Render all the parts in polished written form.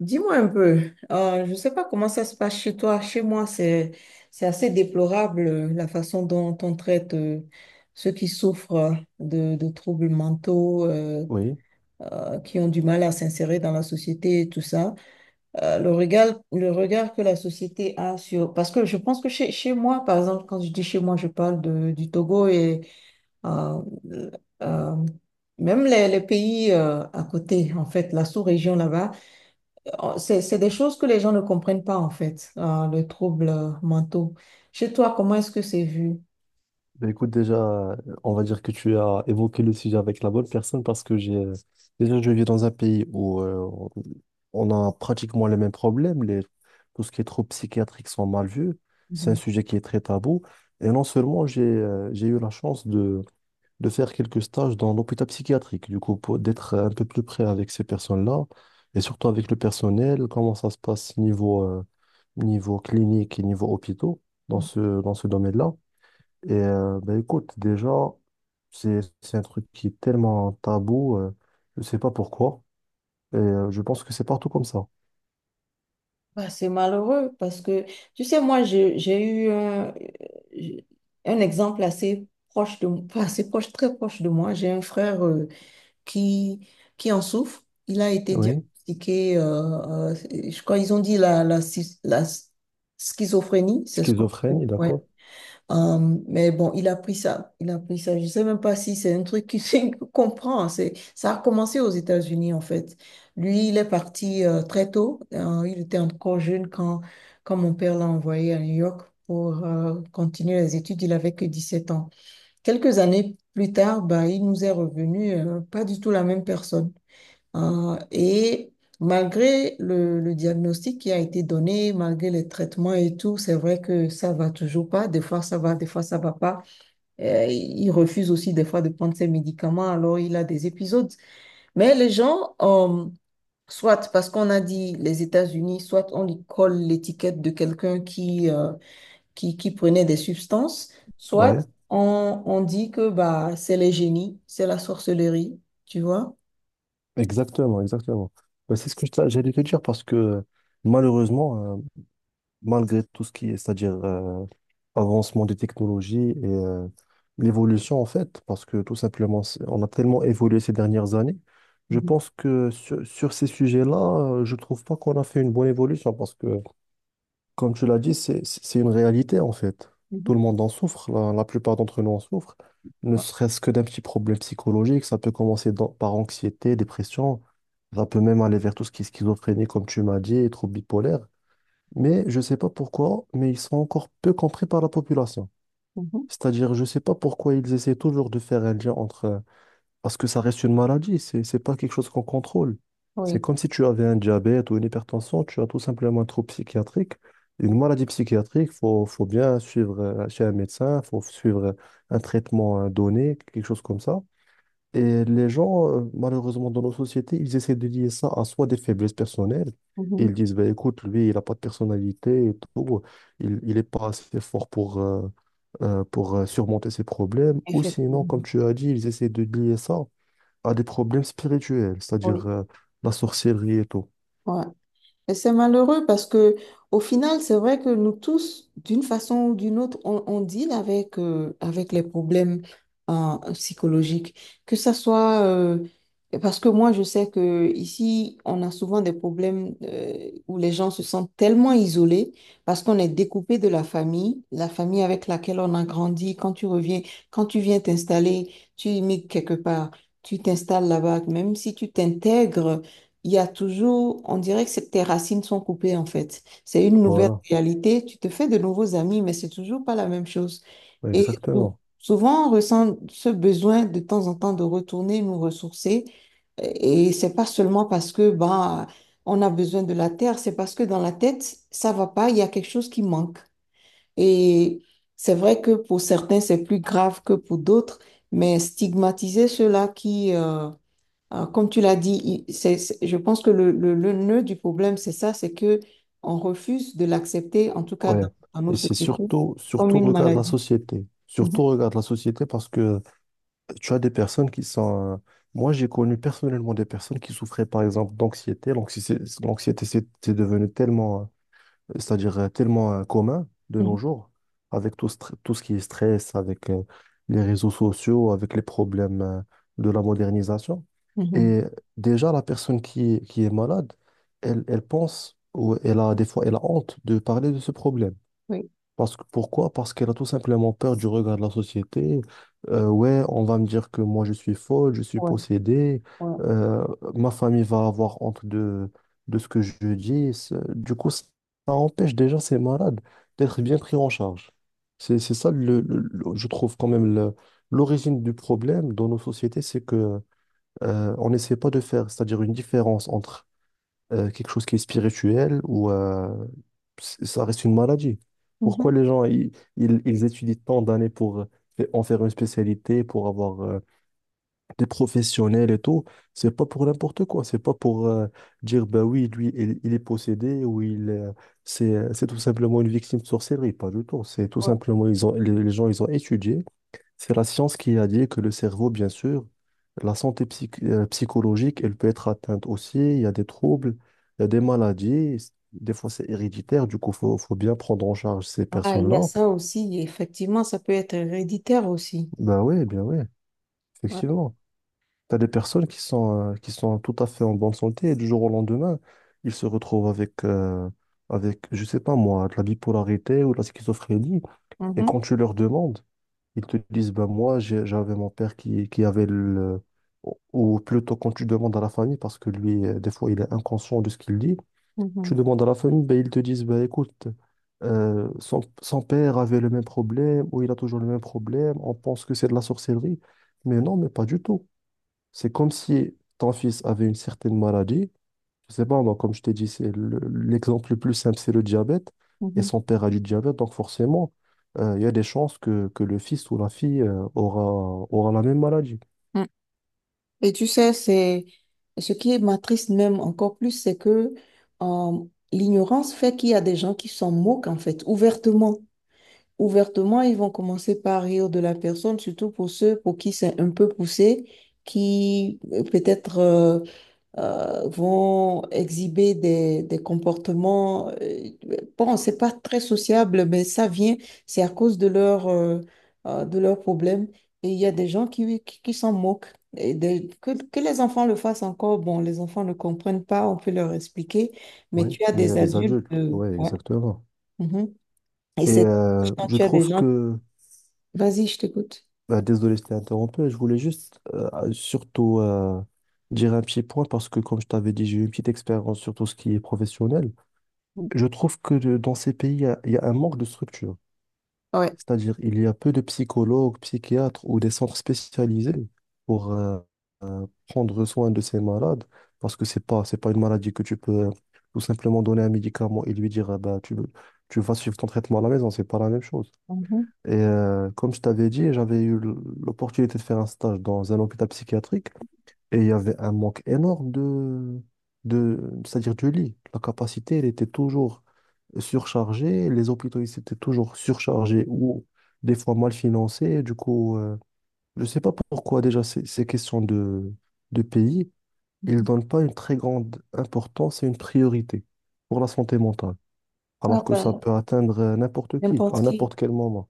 Dis-moi un peu, je ne sais pas comment ça se passe chez toi. Chez moi, c'est assez déplorable la façon dont on traite ceux qui souffrent de troubles mentaux, Oui, qui ont du mal à s'insérer dans la société et tout ça. Le regard que la société a sur... Parce que je pense que chez moi, par exemple, quand je dis chez moi, je parle de, du Togo et euh, euh, même les pays à côté, en fait, la sous-région là-bas. Oh, c'est des choses que les gens ne comprennent pas, en fait, le trouble mentaux. Chez toi, comment est-ce que c'est vu? bah écoute, déjà, euh, on va dire que tu as évoqué le sujet avec la bonne personne parce que j'ai déjà, je vis dans un pays où on a pratiquement les mêmes problèmes. Tout ce qui est trop psychiatrique sont mal vus. C'est un Mhm. sujet qui est très tabou. Et non seulement j'ai eu la chance de faire quelques stages dans l'hôpital psychiatrique, du coup, d'être un peu plus près avec ces personnes-là et surtout avec le personnel, comment ça se passe niveau clinique et niveau hôpitaux dans ce domaine-là. Et bah, écoute, déjà, c'est un truc qui est tellement tabou, je sais pas pourquoi, et je pense que c'est partout comme ça. Bah, c'est malheureux parce que, tu sais, moi, j'ai eu un exemple assez proche de, enfin, assez proche, très proche de moi. J'ai un frère qui, qui en souffre. Il a été Oui, diagnostiqué, je crois, ils ont dit la schizophrénie, c'est ce qu'on schizophrénie, ouais. d'accord? Mais bon, il a pris ça. Je sais même pas si c'est un truc qu'il qu'il comprend. Ça a commencé aux États-Unis en fait. Lui, il est parti très tôt. Il était encore jeune quand mon père l'a envoyé à New York pour continuer les études. Il avait que 17 ans. Quelques années plus tard, bah, il nous est revenu pas du tout la même personne. Et malgré le diagnostic qui a été donné, malgré les traitements et tout, c'est vrai que ça va toujours pas. Des fois, ça va, des fois, ça va pas. Il refuse aussi des fois de prendre ses médicaments, alors il a des épisodes. Mais les gens, soit parce qu'on a dit les États-Unis, soit on lui colle l'étiquette de quelqu'un qui prenaient des substances, soit Ouais, on dit que bah, c'est les génies, c'est la sorcellerie, tu vois. exactement, exactement. Bah, c'est ce que j'allais te dire parce que malheureusement, malgré tout ce qui est, c'est-à-dire avancement des technologies et l'évolution en fait, parce que tout simplement, on a tellement évolué ces dernières années. Je Mhm, pense que sur, sur ces sujets-là, je trouve pas qu'on a fait une bonne évolution parce que, comme tu l'as dit, c'est une réalité en fait. Tout mhm, le monde en souffre, la plupart d'entre nous en souffrent, ne ouais, serait-ce que d'un petit problème psychologique. Ça peut commencer par anxiété, dépression, ça peut même aller vers tout ce qui est schizophrénie, comme tu m'as dit, et troubles bipolaires. Mais je ne sais pas pourquoi, mais ils sont encore peu compris par la population. mhm. C'est-à-dire, je ne sais pas pourquoi ils essaient toujours de faire un lien entre... Parce que ça reste une maladie, c'est pas quelque chose qu'on contrôle. C'est Oui. comme si tu avais un diabète ou une hypertension, tu as tout simplement un trouble psychiatrique. Une maladie psychiatrique, faut bien suivre chez un médecin, il faut suivre un traitement donné, quelque chose comme ça. Et les gens, malheureusement, dans nos sociétés, ils essaient de lier ça à soit des faiblesses personnelles. Mhm. Ils disent, bah, écoute, lui, il n'a pas de personnalité et tout. Il est pas assez fort pour, surmonter ses problèmes. Ou sinon, comme Effectivement. tu as dit, ils essaient de lier ça à des problèmes spirituels, c'est-à-dire Oui. La sorcellerie et tout. Ouais. Et c'est malheureux parce que au final, c'est vrai que nous tous, d'une façon ou d'une autre, on deal avec, avec les problèmes psychologiques. Que ça soit parce que moi, je sais que ici, on a souvent des problèmes où les gens se sentent tellement isolés parce qu'on est découpé de la famille avec laquelle on a grandi. Quand tu reviens, quand tu viens t'installer, tu immigres quelque part, tu t'installes là-bas, même si tu t'intègres il y a toujours, on dirait que c'est- tes racines sont coupées en fait. C'est une nouvelle Voilà. réalité, tu te fais de nouveaux amis, mais c'est toujours pas la même chose. Ouais, Et exactement. souvent, on ressent ce besoin de temps en temps de retourner nous ressourcer. Et c'est pas seulement parce que bah, on a besoin de la terre, c'est parce que dans la tête, ça va pas, il y a quelque chose qui manque. Et c'est vrai que pour certains, c'est plus grave que pour d'autres, mais stigmatiser ceux-là comme tu l'as dit, il- c'est- je pense que le nœud du problème, c'est ça, c'est que on refuse de l'accepter, en tout cas Ouais. Dans nos Et c'est sociétés, surtout, comme surtout, une regarde la maladie. société. Mhm, Surtout, regarde la société parce que tu as des personnes qui sont. Moi, j'ai connu personnellement des personnes qui souffraient, par exemple, d'anxiété. L'anxiété, l'anxiété, c'est devenu tellement, c'est-à-dire tellement commun de mhm, nos jours, avec tout, tout ce qui est stress, avec les réseaux sociaux, avec les problèmes de la modernisation. mhm. Et déjà, la personne qui est malade, elle, elle pense, ou elle a des fois, elle a honte de parler de ce problème. Oui, Parce que, pourquoi? Parce qu'elle a tout simplement peur du regard de la société. Ouais, on va me dire que moi je suis folle, je suis ouais, possédée. ouais, Euh, Ma famille va avoir honte de ce que je dis. Du coup, ça empêche déjà ces malades d'être bien pris en charge. C'est ça, je trouve quand même l'origine du problème dans nos sociétés, c'est que on n'essaie pas de faire, c'est-à-dire une différence entre quelque chose qui est spirituel ou ça reste une maladie. Pourquoi mhm, les gens ils étudient tant d'années pour en faire une spécialité, pour avoir des professionnels et tout? C'est pas pour n'importe quoi. C'est pas pour dire bah oui, lui, il est possédé ou il c'est tout simplement une victime de sorcellerie. Pas du tout. C'est tout ouais. simplement les gens ils ont étudié. C'est la science qui a dit que le cerveau, bien sûr, la santé psychologique, elle peut être atteinte aussi. Il y a des troubles, il y a des maladies. Des fois, c'est héréditaire. Du coup, faut bien prendre en charge ces Ah, il y a personnes-là. ça aussi, et effectivement, ça peut être héréditaire aussi. Ben oui, bien oui, Ouais. effectivement. Tu as des personnes qui sont tout à fait en bonne santé et du jour au lendemain, ils se retrouvent avec je sais pas moi, de la bipolarité ou de la schizophrénie. Et Mhm, quand tu leur demandes, ils te disent, ben moi, j'avais mon père qui avait le... ou plutôt quand tu demandes à la famille, parce que lui, des fois, il est inconscient de ce qu'il dit, tu mhm, demandes à la famille, ben ils te disent, ben écoute, son père avait le même problème, ou il a toujours le même problème, on pense que c'est de la sorcellerie. Mais non, mais pas du tout. C'est comme si ton fils avait une certaine maladie, je sais pas, moi, comme je t'ai dit, l'exemple le plus simple, c'est le diabète. Et mhm, son père a du diabète, donc forcément, il y a des chances que le fils ou la fille aura la même maladie. mm. Et tu sais, c'est ce qui m'attriste même encore plus, c'est que euh, l'ignorance fait qu'il y a des gens qui s'en moquent, en fait, ouvertement. Ouvertement, ils vont commencer par rire de la personne, surtout pour ceux pour qui c'est un peu poussé, qui peut-être vont exhiber des comportements. Bon, c'est pas très sociable, mais ça vient, c'est à cause de de leurs problèmes. Et il y a des gens qui s'en moquent. Et des- que les enfants le fassent encore, bon, les enfants ne comprennent pas, on peut leur expliquer, mais Oui, tu as mais il y a des des adultes. adultes. Oui, Ouais, exactement. mhm. Et Et c'est dommage quand je tu as des trouve gens que, Vas-y, je t'écoute. bah, désolé, je t'ai interrompu, je voulais juste surtout dire un petit point parce que, comme je t'avais dit, j'ai eu une petite expérience sur tout ce qui est professionnel. Je trouve que dans ces pays, il y a un manque de structure. Ouais. C'est-à-dire, il y a peu de psychologues, psychiatres ou des centres spécialisés pour prendre soin de ces malades, parce que c'est pas une maladie que tu peux tout simplement donner un médicament et lui dire, ah ben, tu vas suivre ton traitement à la maison, c'est pas la même chose. Mhm. Et comme je t'avais dit, l'opportunité de faire un stage dans un hôpital psychiatrique et il y avait un manque énorme de, c'est-à-dire du lit. La capacité, elle était toujours surchargée. Les hôpitaux, ils étaient toujours surchargés ou des fois mal financés. Du coup, je ne sais pas pourquoi déjà ces questions de pays, ils ne donnent pas une très grande importance et une priorité pour la santé mentale. Ah Alors que ça ben, peut atteindre n'importe qui, n'importe à qui. n'importe quel moment.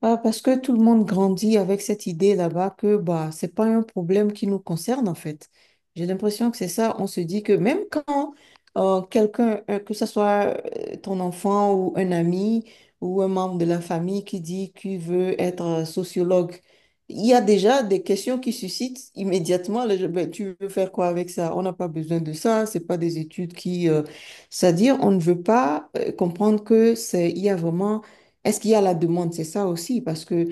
Ah, parce que tout le monde grandit avec cette idée là-bas que bah, c'est pas un problème qui nous concerne en fait. J'ai l'impression que c'est ça. On se dit que même quand quelqu'un, que ce soit ton enfant ou un ami ou un membre de la famille qui dit qu'il veut être sociologue, il y a déjà des questions qui suscitent immédiatement le- Ben, tu veux faire quoi avec ça? On n'a pas besoin de ça. C'est pas des études qui, c'est-à-dire on ne veut pas comprendre que c'est il y a vraiment est-ce qu'il y a la demande? C'est ça aussi, parce que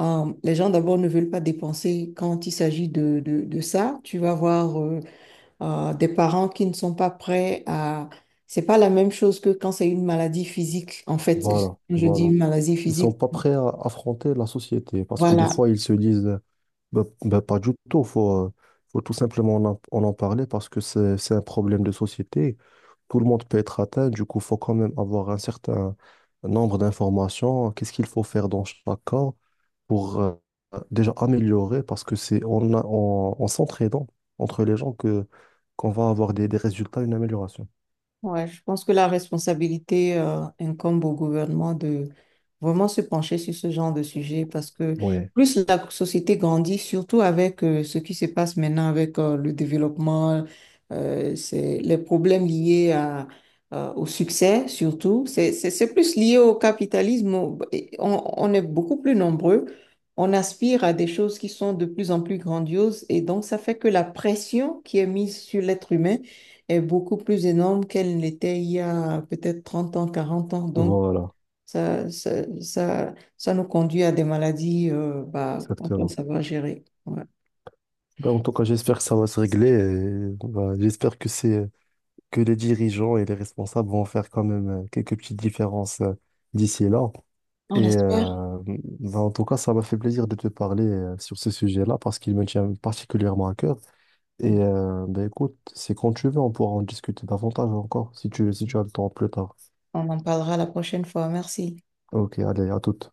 les gens d'abord ne veulent pas dépenser quand il s'agit de ça. Tu vas voir des parents qui ne sont pas prêts à... C'est pas la même chose que quand c'est une maladie physique. En fait, Voilà, je dis voilà. une maladie Ils sont physique. pas prêts à affronter la société parce que des Voilà. fois, ils se disent... Bah, bah, pas du tout. Faut tout simplement en en parler parce que c'est un problème de société. Tout le monde peut être atteint. Du coup, faut quand même avoir un certain nombre d'informations. Qu'est-ce qu'il faut faire dans chaque cas pour déjà améliorer parce que c'est en s'entraidant entre les gens que qu'on va avoir des résultats, une amélioration. Ouais, je pense que la responsabilité incombe au gouvernement de vraiment se pencher sur ce genre de sujet parce que Ouais, plus la société grandit, surtout avec ce qui se passe maintenant avec le développement, c'est les problèmes liés à, au succès surtout. C'est plus lié au capitalisme. Au- et on est beaucoup plus nombreux. On aspire à des choses qui sont de plus en plus grandioses et donc ça fait que la pression qui est mise sur l'être humain est beaucoup plus énorme qu'elle ne l'était il y a peut-être 30 ans, 40 ans. Donc, voilà, ça, ça, ça nous conduit à des maladies bah, qu'on doit exactement. savoir gérer. Ouais. Bah, en tout cas, j'espère que ça va se régler. Et, bah, j'espère que c'est que les dirigeants et les responsables vont faire quand même quelques petites différences d'ici et là. Et On espère bah, en tout cas, ça m'a fait plaisir de te parler sur ce sujet-là parce qu'il me tient particulièrement à cœur. Et bah, écoute, c'est quand tu veux, on pourra en discuter davantage encore si tu as le temps plus tard. On en parlera la prochaine fois. Merci. Ok, allez, à toute.